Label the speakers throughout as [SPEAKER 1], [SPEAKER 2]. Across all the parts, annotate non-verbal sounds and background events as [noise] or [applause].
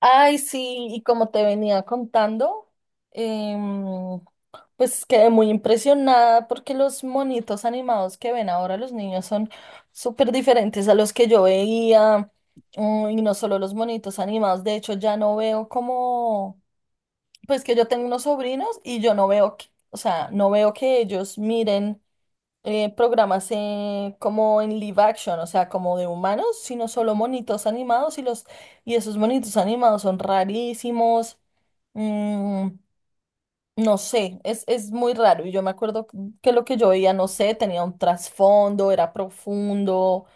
[SPEAKER 1] Ay, sí, y como te venía contando, em, pues quedé muy impresionada porque los monitos animados que ven ahora los niños son súper diferentes a los que yo veía. Y no solo los monitos animados, de hecho ya no veo como, pues que yo tengo unos sobrinos y yo no veo que, o sea, no veo que ellos miren programas como en live action, o sea, como de humanos, sino solo monitos animados y los esos monitos animados son rarísimos. Mm, no sé, es muy raro. Y yo me acuerdo que lo que yo veía, no sé, tenía un trasfondo, era profundo.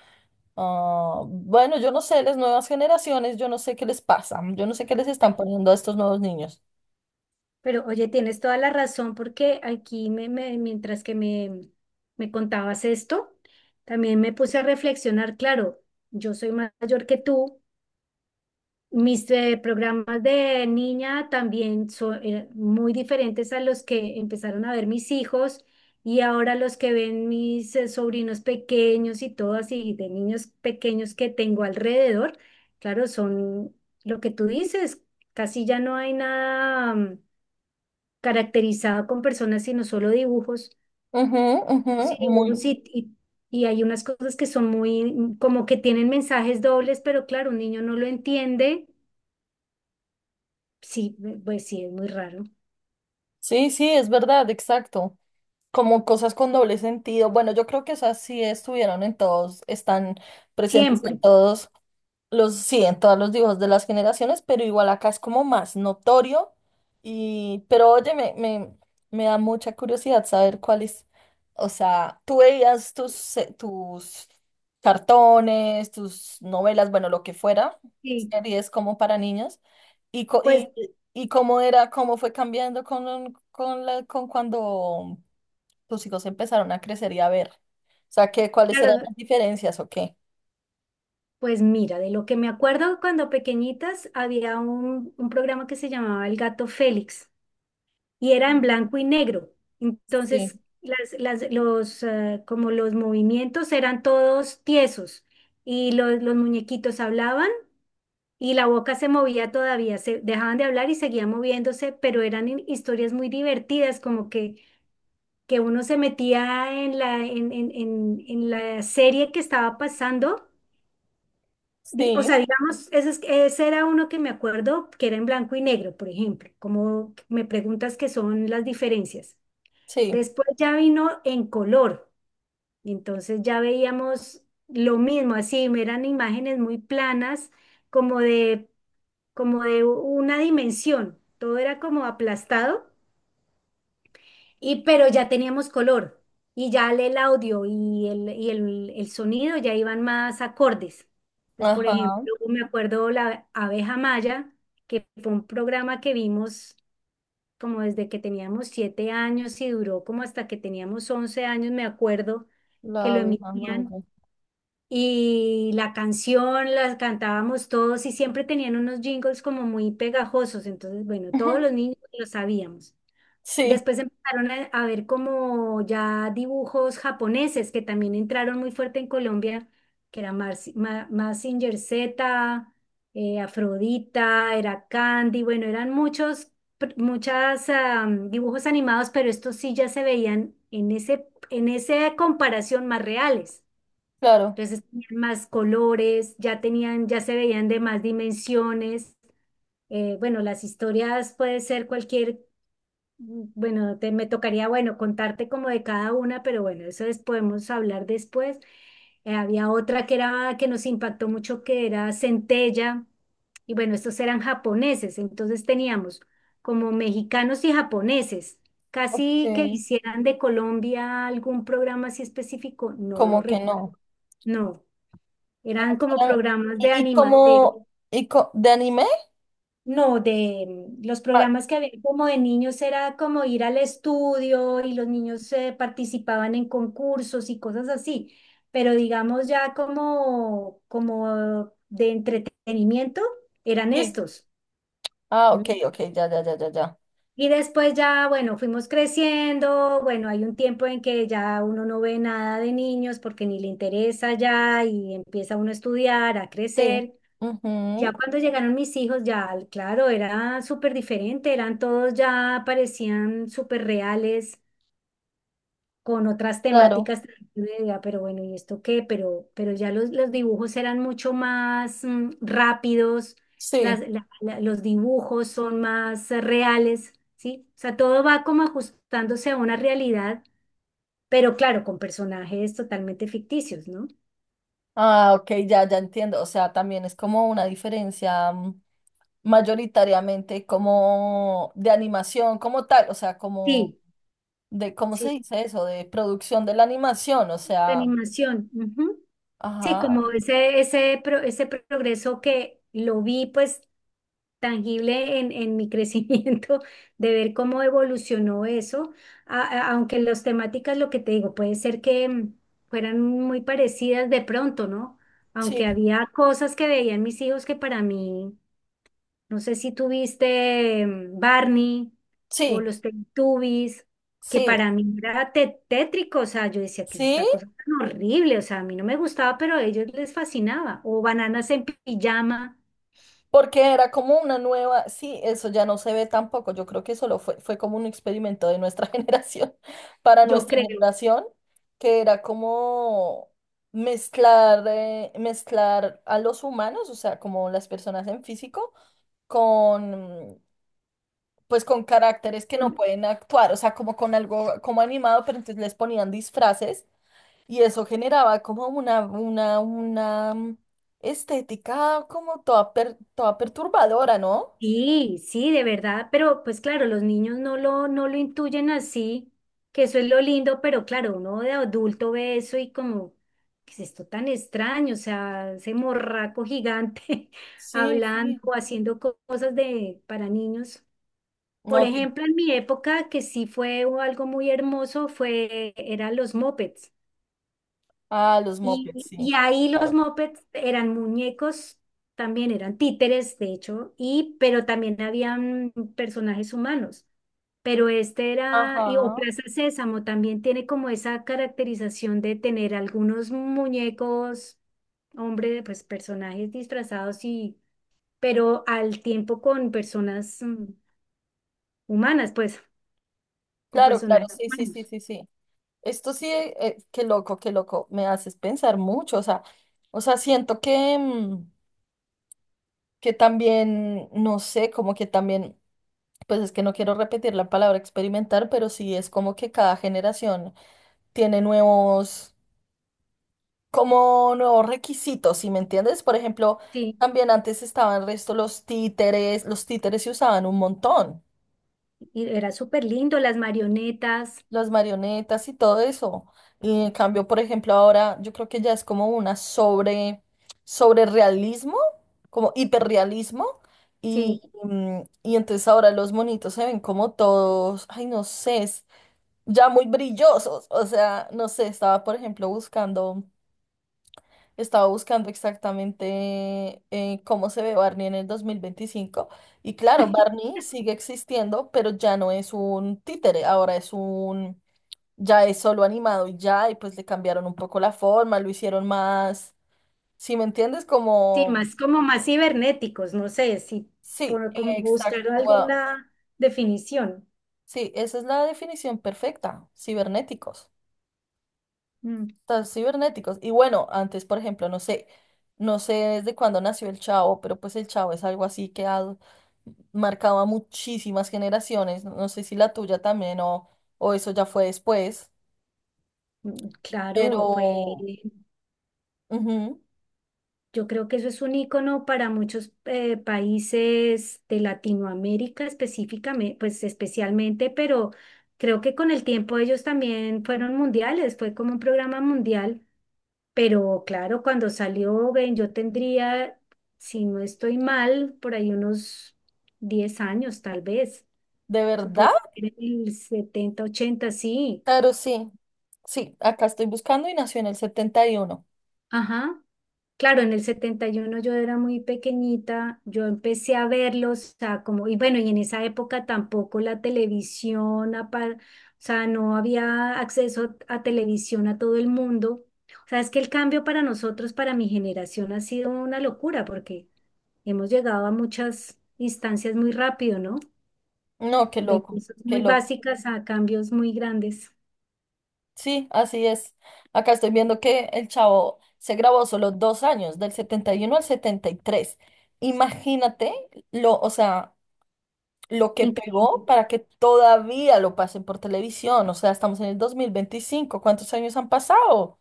[SPEAKER 1] Ah, bueno, yo no sé, las nuevas generaciones, yo no sé qué les pasa, yo no sé qué les están poniendo a estos nuevos niños.
[SPEAKER 2] Pero oye, tienes toda la razón porque aquí mientras que me contabas esto, también me puse a reflexionar. Claro, yo soy mayor que tú, mis programas de niña también son muy diferentes a los que empezaron a ver mis hijos, y ahora los que ven mis sobrinos pequeños y todo así, de niños pequeños que tengo alrededor. Claro, son lo que tú dices, casi ya no hay nada, caracterizado con personas, sino solo dibujos.
[SPEAKER 1] Ujú, ujú,
[SPEAKER 2] Sí,
[SPEAKER 1] muy.
[SPEAKER 2] dibujos y hay unas cosas que son muy, como que tienen mensajes dobles, pero claro, un niño no lo entiende. Sí, pues sí, es muy raro,
[SPEAKER 1] Sí, sí, es verdad, exacto. Como cosas con doble sentido. Bueno, yo creo que esas sí estuvieron en todos, están presentes en
[SPEAKER 2] siempre.
[SPEAKER 1] todos sí, en todos los dibujos de las generaciones, pero igual acá es como más notorio. Y, pero oye, me da mucha curiosidad saber cuáles, o sea, tú veías tus, tus cartones, tus novelas, bueno, lo que fuera,
[SPEAKER 2] Sí,
[SPEAKER 1] series como para niños, y, co-
[SPEAKER 2] pues
[SPEAKER 1] y, y cómo era, cómo fue cambiando con cuando tus hijos empezaron a crecer y a ver. O sea, ¿qué, cuáles eran
[SPEAKER 2] claro,
[SPEAKER 1] las diferencias o qué?
[SPEAKER 2] pues mira, de lo que me acuerdo, cuando pequeñitas había un programa que se llamaba El Gato Félix, y era en blanco y negro. Entonces
[SPEAKER 1] Sí,
[SPEAKER 2] como los movimientos eran todos tiesos y los muñequitos hablaban y la boca se movía todavía, se dejaban de hablar y seguían moviéndose, pero eran historias muy divertidas, como que uno se metía en la serie que estaba pasando. O
[SPEAKER 1] sí,
[SPEAKER 2] sea, digamos, ese era uno que me acuerdo que era en blanco y negro, por ejemplo, como me preguntas qué son las diferencias.
[SPEAKER 1] sí.
[SPEAKER 2] Después ya vino en color, entonces ya veíamos lo mismo, así eran imágenes muy planas, como de, como de una dimensión, todo era como aplastado, y pero ya teníamos color, y ya el audio el sonido ya iban más acordes. Entonces, por
[SPEAKER 1] Ajá,
[SPEAKER 2] ejemplo, me acuerdo la abeja maya, que fue un programa que vimos como desde que teníamos 7 años y duró como hasta que teníamos 11 años, me acuerdo que
[SPEAKER 1] la
[SPEAKER 2] lo
[SPEAKER 1] abeja
[SPEAKER 2] emitían.
[SPEAKER 1] maya.
[SPEAKER 2] Y la canción la cantábamos todos y siempre tenían unos jingles como muy pegajosos. Entonces bueno, todos los
[SPEAKER 1] [laughs]
[SPEAKER 2] niños lo sabíamos.
[SPEAKER 1] Sí,
[SPEAKER 2] Después empezaron a ver como ya dibujos japoneses que también entraron muy fuerte en Colombia, que era Mazinger Z, Afrodita, era Candy, bueno, eran muchos, muchas dibujos animados, pero estos sí ya se veían en esa comparación más reales.
[SPEAKER 1] claro.
[SPEAKER 2] Entonces tenían más colores, ya tenían, ya se veían de más dimensiones. Bueno, las historias puede ser cualquier, bueno, me tocaría, bueno, contarte como de cada una, pero bueno, podemos hablar después. Había otra que era, que nos impactó mucho, que era Centella, y bueno, estos eran japoneses, entonces teníamos como mexicanos y japoneses.
[SPEAKER 1] Ok,
[SPEAKER 2] Casi que hicieran de Colombia algún programa así específico, no lo
[SPEAKER 1] como que
[SPEAKER 2] recuerdo,
[SPEAKER 1] no.
[SPEAKER 2] no,
[SPEAKER 1] Todas
[SPEAKER 2] eran como
[SPEAKER 1] eran-
[SPEAKER 2] programas de
[SPEAKER 1] y
[SPEAKER 2] anima.
[SPEAKER 1] como de anime?
[SPEAKER 2] No, de los
[SPEAKER 1] Ah,
[SPEAKER 2] programas que había como de niños era como ir al estudio y los niños participaban en concursos y cosas así, pero digamos ya como, como de entretenimiento eran
[SPEAKER 1] sí.
[SPEAKER 2] estos.
[SPEAKER 1] Ah, ok,
[SPEAKER 2] ¿M?
[SPEAKER 1] ok, ya, ya, ya, ya, ya.
[SPEAKER 2] Y después ya, bueno, fuimos creciendo, bueno, hay un tiempo en que ya uno no ve nada de niños porque ni le interesa ya y empieza uno a estudiar, a
[SPEAKER 1] Sí,
[SPEAKER 2] crecer. Ya
[SPEAKER 1] ujú.
[SPEAKER 2] cuando llegaron mis hijos, ya claro, era súper diferente, eran todos ya parecían súper reales, con otras
[SPEAKER 1] Claro.
[SPEAKER 2] temáticas. Yo decía, pero bueno, ¿y esto qué? Pero ya los dibujos eran mucho más rápidos,
[SPEAKER 1] Sí.
[SPEAKER 2] los dibujos son más reales, ¿sí? O sea, todo va como ajustándose a una realidad, pero claro, con personajes totalmente ficticios, ¿no?
[SPEAKER 1] Ah, ok, ya, ya entiendo. O sea, también es como una diferencia. Mayoritariamente como de animación, como tal, o sea, como
[SPEAKER 2] Sí,
[SPEAKER 1] de, ¿cómo se
[SPEAKER 2] sí,
[SPEAKER 1] dice eso? De producción de la animación, o
[SPEAKER 2] de
[SPEAKER 1] sea,
[SPEAKER 2] animación. Ujú. Sí,
[SPEAKER 1] ajá,
[SPEAKER 2] como ese progreso que lo vi pues tangible en mi crecimiento, [laughs] de ver cómo evolucionó eso. Aunque las temáticas, lo que te digo, puede ser que fueran muy parecidas de pronto, ¿no? Aunque
[SPEAKER 1] sí,
[SPEAKER 2] había cosas que veían mis hijos que para mí, no sé si tuviste, Barney o
[SPEAKER 1] sí,
[SPEAKER 2] los Teletubbies, que
[SPEAKER 1] sí,
[SPEAKER 2] para mí era tétrico. O sea, yo decía que es
[SPEAKER 1] sí,
[SPEAKER 2] esta cosa tan horrible, o sea, a mí no me gustaba, pero a ellos les fascinaba. O Bananas en Pijama,
[SPEAKER 1] porque era como una nueva, sí, eso ya no se ve tampoco, yo creo que solo fue como un experimento de nuestra [laughs] generación, para
[SPEAKER 2] yo
[SPEAKER 1] nuestra
[SPEAKER 2] creo.
[SPEAKER 1] generación, que era como... Mezclar, mezclar a los humanos, o sea, como las personas en físico, con, pues con caracteres que no pueden actuar, o sea, como con algo como animado, pero entonces les ponían disfraces y eso generaba como una estética como toda perturbadora, ¿no?
[SPEAKER 2] Sí, sí, de verdad, pero pues claro, los niños no lo intuyen así, que eso es lo lindo, pero claro, uno de adulto ve eso y como, ¿qué es esto tan extraño? O sea, ese morraco gigante [laughs]
[SPEAKER 1] Sí,
[SPEAKER 2] hablando
[SPEAKER 1] sí.
[SPEAKER 2] o haciendo cosas de, para niños. Por
[SPEAKER 1] No tiene...
[SPEAKER 2] ejemplo, en mi época, que sí fue algo muy hermoso, fue, eran los mopeds.
[SPEAKER 1] Ah, los mopeds,
[SPEAKER 2] Y
[SPEAKER 1] sí,
[SPEAKER 2] y ahí los
[SPEAKER 1] claro.
[SPEAKER 2] mopeds eran muñecos, también eran títeres, de hecho, y pero también habían personajes humanos. Pero este era,
[SPEAKER 1] Ajá.
[SPEAKER 2] y, o Plaza Sésamo también tiene como esa caracterización de tener algunos muñecos, hombre, pues personajes disfrazados y pero al tiempo con personas humanas, pues, con
[SPEAKER 1] Claro, claro,
[SPEAKER 2] personajes
[SPEAKER 1] sí, sí, sí,
[SPEAKER 2] humanos.
[SPEAKER 1] sí, sí. Esto sí, qué loco, me haces pensar mucho, o sea, siento que, que también, no sé, como que también... Pues es que no quiero repetir la palabra experimentar, pero sí es como que cada generación tiene como nuevos requisitos, ¿sí me entiendes? Por ejemplo,
[SPEAKER 2] Sí,
[SPEAKER 1] también antes estaban resto los títeres se usaban un montón,
[SPEAKER 2] y era súper lindo, las marionetas.
[SPEAKER 1] las marionetas y todo eso. Y en
[SPEAKER 2] mm,
[SPEAKER 1] cambio, por ejemplo, ahora yo creo que ya es como una sobre realismo, como hiperrealismo.
[SPEAKER 2] sí.
[SPEAKER 1] Y, y entonces ahora los monitos se ven como todos, ay, no sé, ya muy brillosos. O sea, no sé, estaba por ejemplo estaba buscando exactamente cómo se ve Barney en el 2025. Y claro,
[SPEAKER 2] [laughs]
[SPEAKER 1] Barney sigue existiendo, pero ya no es un títere, ahora es un, ya es solo animado y ya, y pues le cambiaron un poco la forma, lo hicieron más, ¿si me entiendes?
[SPEAKER 2] Sí,
[SPEAKER 1] Como,
[SPEAKER 2] más como más cibernéticos, no sé si
[SPEAKER 1] sí,
[SPEAKER 2] por como buscar
[SPEAKER 1] exacto, wow.
[SPEAKER 2] alguna definición.
[SPEAKER 1] Sí, esa es la definición perfecta, cibernéticos.
[SPEAKER 2] Mm,
[SPEAKER 1] Tan cibernéticos. Y bueno, antes, por ejemplo, no sé, no sé desde cuándo nació el Chavo, pero pues el Chavo es algo así que ha marcado a muchísimas generaciones. No sé si la tuya también o eso ya fue después, pero
[SPEAKER 2] Claro, fue,
[SPEAKER 1] ujú.
[SPEAKER 2] yo creo que eso es un icono para muchos países de Latinoamérica específicamente, pues especialmente, pero creo que con el tiempo ellos también fueron mundiales, fue como un programa mundial, pero claro, cuando salió, ven, yo tendría, si no estoy mal, por ahí unos 10 años tal vez.
[SPEAKER 1] ¿De
[SPEAKER 2] Eso
[SPEAKER 1] verdad?
[SPEAKER 2] podría ser en el 70, 80, sí.
[SPEAKER 1] Claro, sí. Sí, acá estoy buscando y nació en el 71.
[SPEAKER 2] Ajá. Claro, en el 71 yo era muy pequeñita, yo empecé a verlos, o sea, como, y bueno, y en esa época tampoco la televisión, o sea, no había acceso a televisión a todo el mundo. O sea, es que el cambio para nosotros, para mi generación, ha sido una locura porque hemos llegado a muchas instancias muy rápido, ¿no?
[SPEAKER 1] No, qué
[SPEAKER 2] De
[SPEAKER 1] loco,
[SPEAKER 2] cosas
[SPEAKER 1] qué
[SPEAKER 2] muy
[SPEAKER 1] loco.
[SPEAKER 2] básicas a cambios muy grandes.
[SPEAKER 1] Sí, así es. Acá estoy viendo que el Chavo se grabó solo dos años, del 71 al 73. Imagínate lo, o sea, lo que pegó
[SPEAKER 2] Increíble,
[SPEAKER 1] para que todavía lo pasen por televisión. O sea, estamos en el 2025. ¿Cuántos años han pasado? O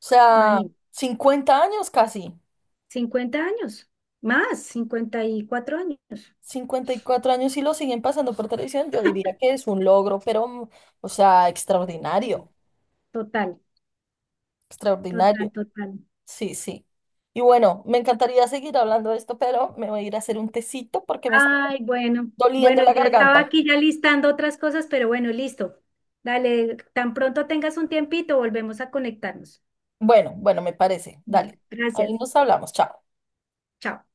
[SPEAKER 1] sea,
[SPEAKER 2] imagínate.
[SPEAKER 1] 50 años casi.
[SPEAKER 2] 50 años, más, 54 años.
[SPEAKER 1] 54 años y lo siguen pasando por televisión. Yo diría
[SPEAKER 2] [laughs]
[SPEAKER 1] que es un logro, pero, mm, o sea, extraordinario.
[SPEAKER 2] Sí. Total, total,
[SPEAKER 1] Extraordinario.
[SPEAKER 2] total.
[SPEAKER 1] Sí, sí. Y bueno, me encantaría seguir hablando de esto, pero me voy a ir a hacer un tecito porque me está
[SPEAKER 2] Ay, bueno,
[SPEAKER 1] doliendo
[SPEAKER 2] bueno,
[SPEAKER 1] la
[SPEAKER 2] ya estaba
[SPEAKER 1] garganta.
[SPEAKER 2] aquí ya listando otras cosas, pero bueno, listo. Dale, tan pronto tengas un tiempito, volvemos a conectarnos.
[SPEAKER 1] Bueno, bueno, me parece.
[SPEAKER 2] Bueno,
[SPEAKER 1] Dale. Ahí
[SPEAKER 2] gracias.
[SPEAKER 1] nos hablamos. Chao.
[SPEAKER 2] Chao.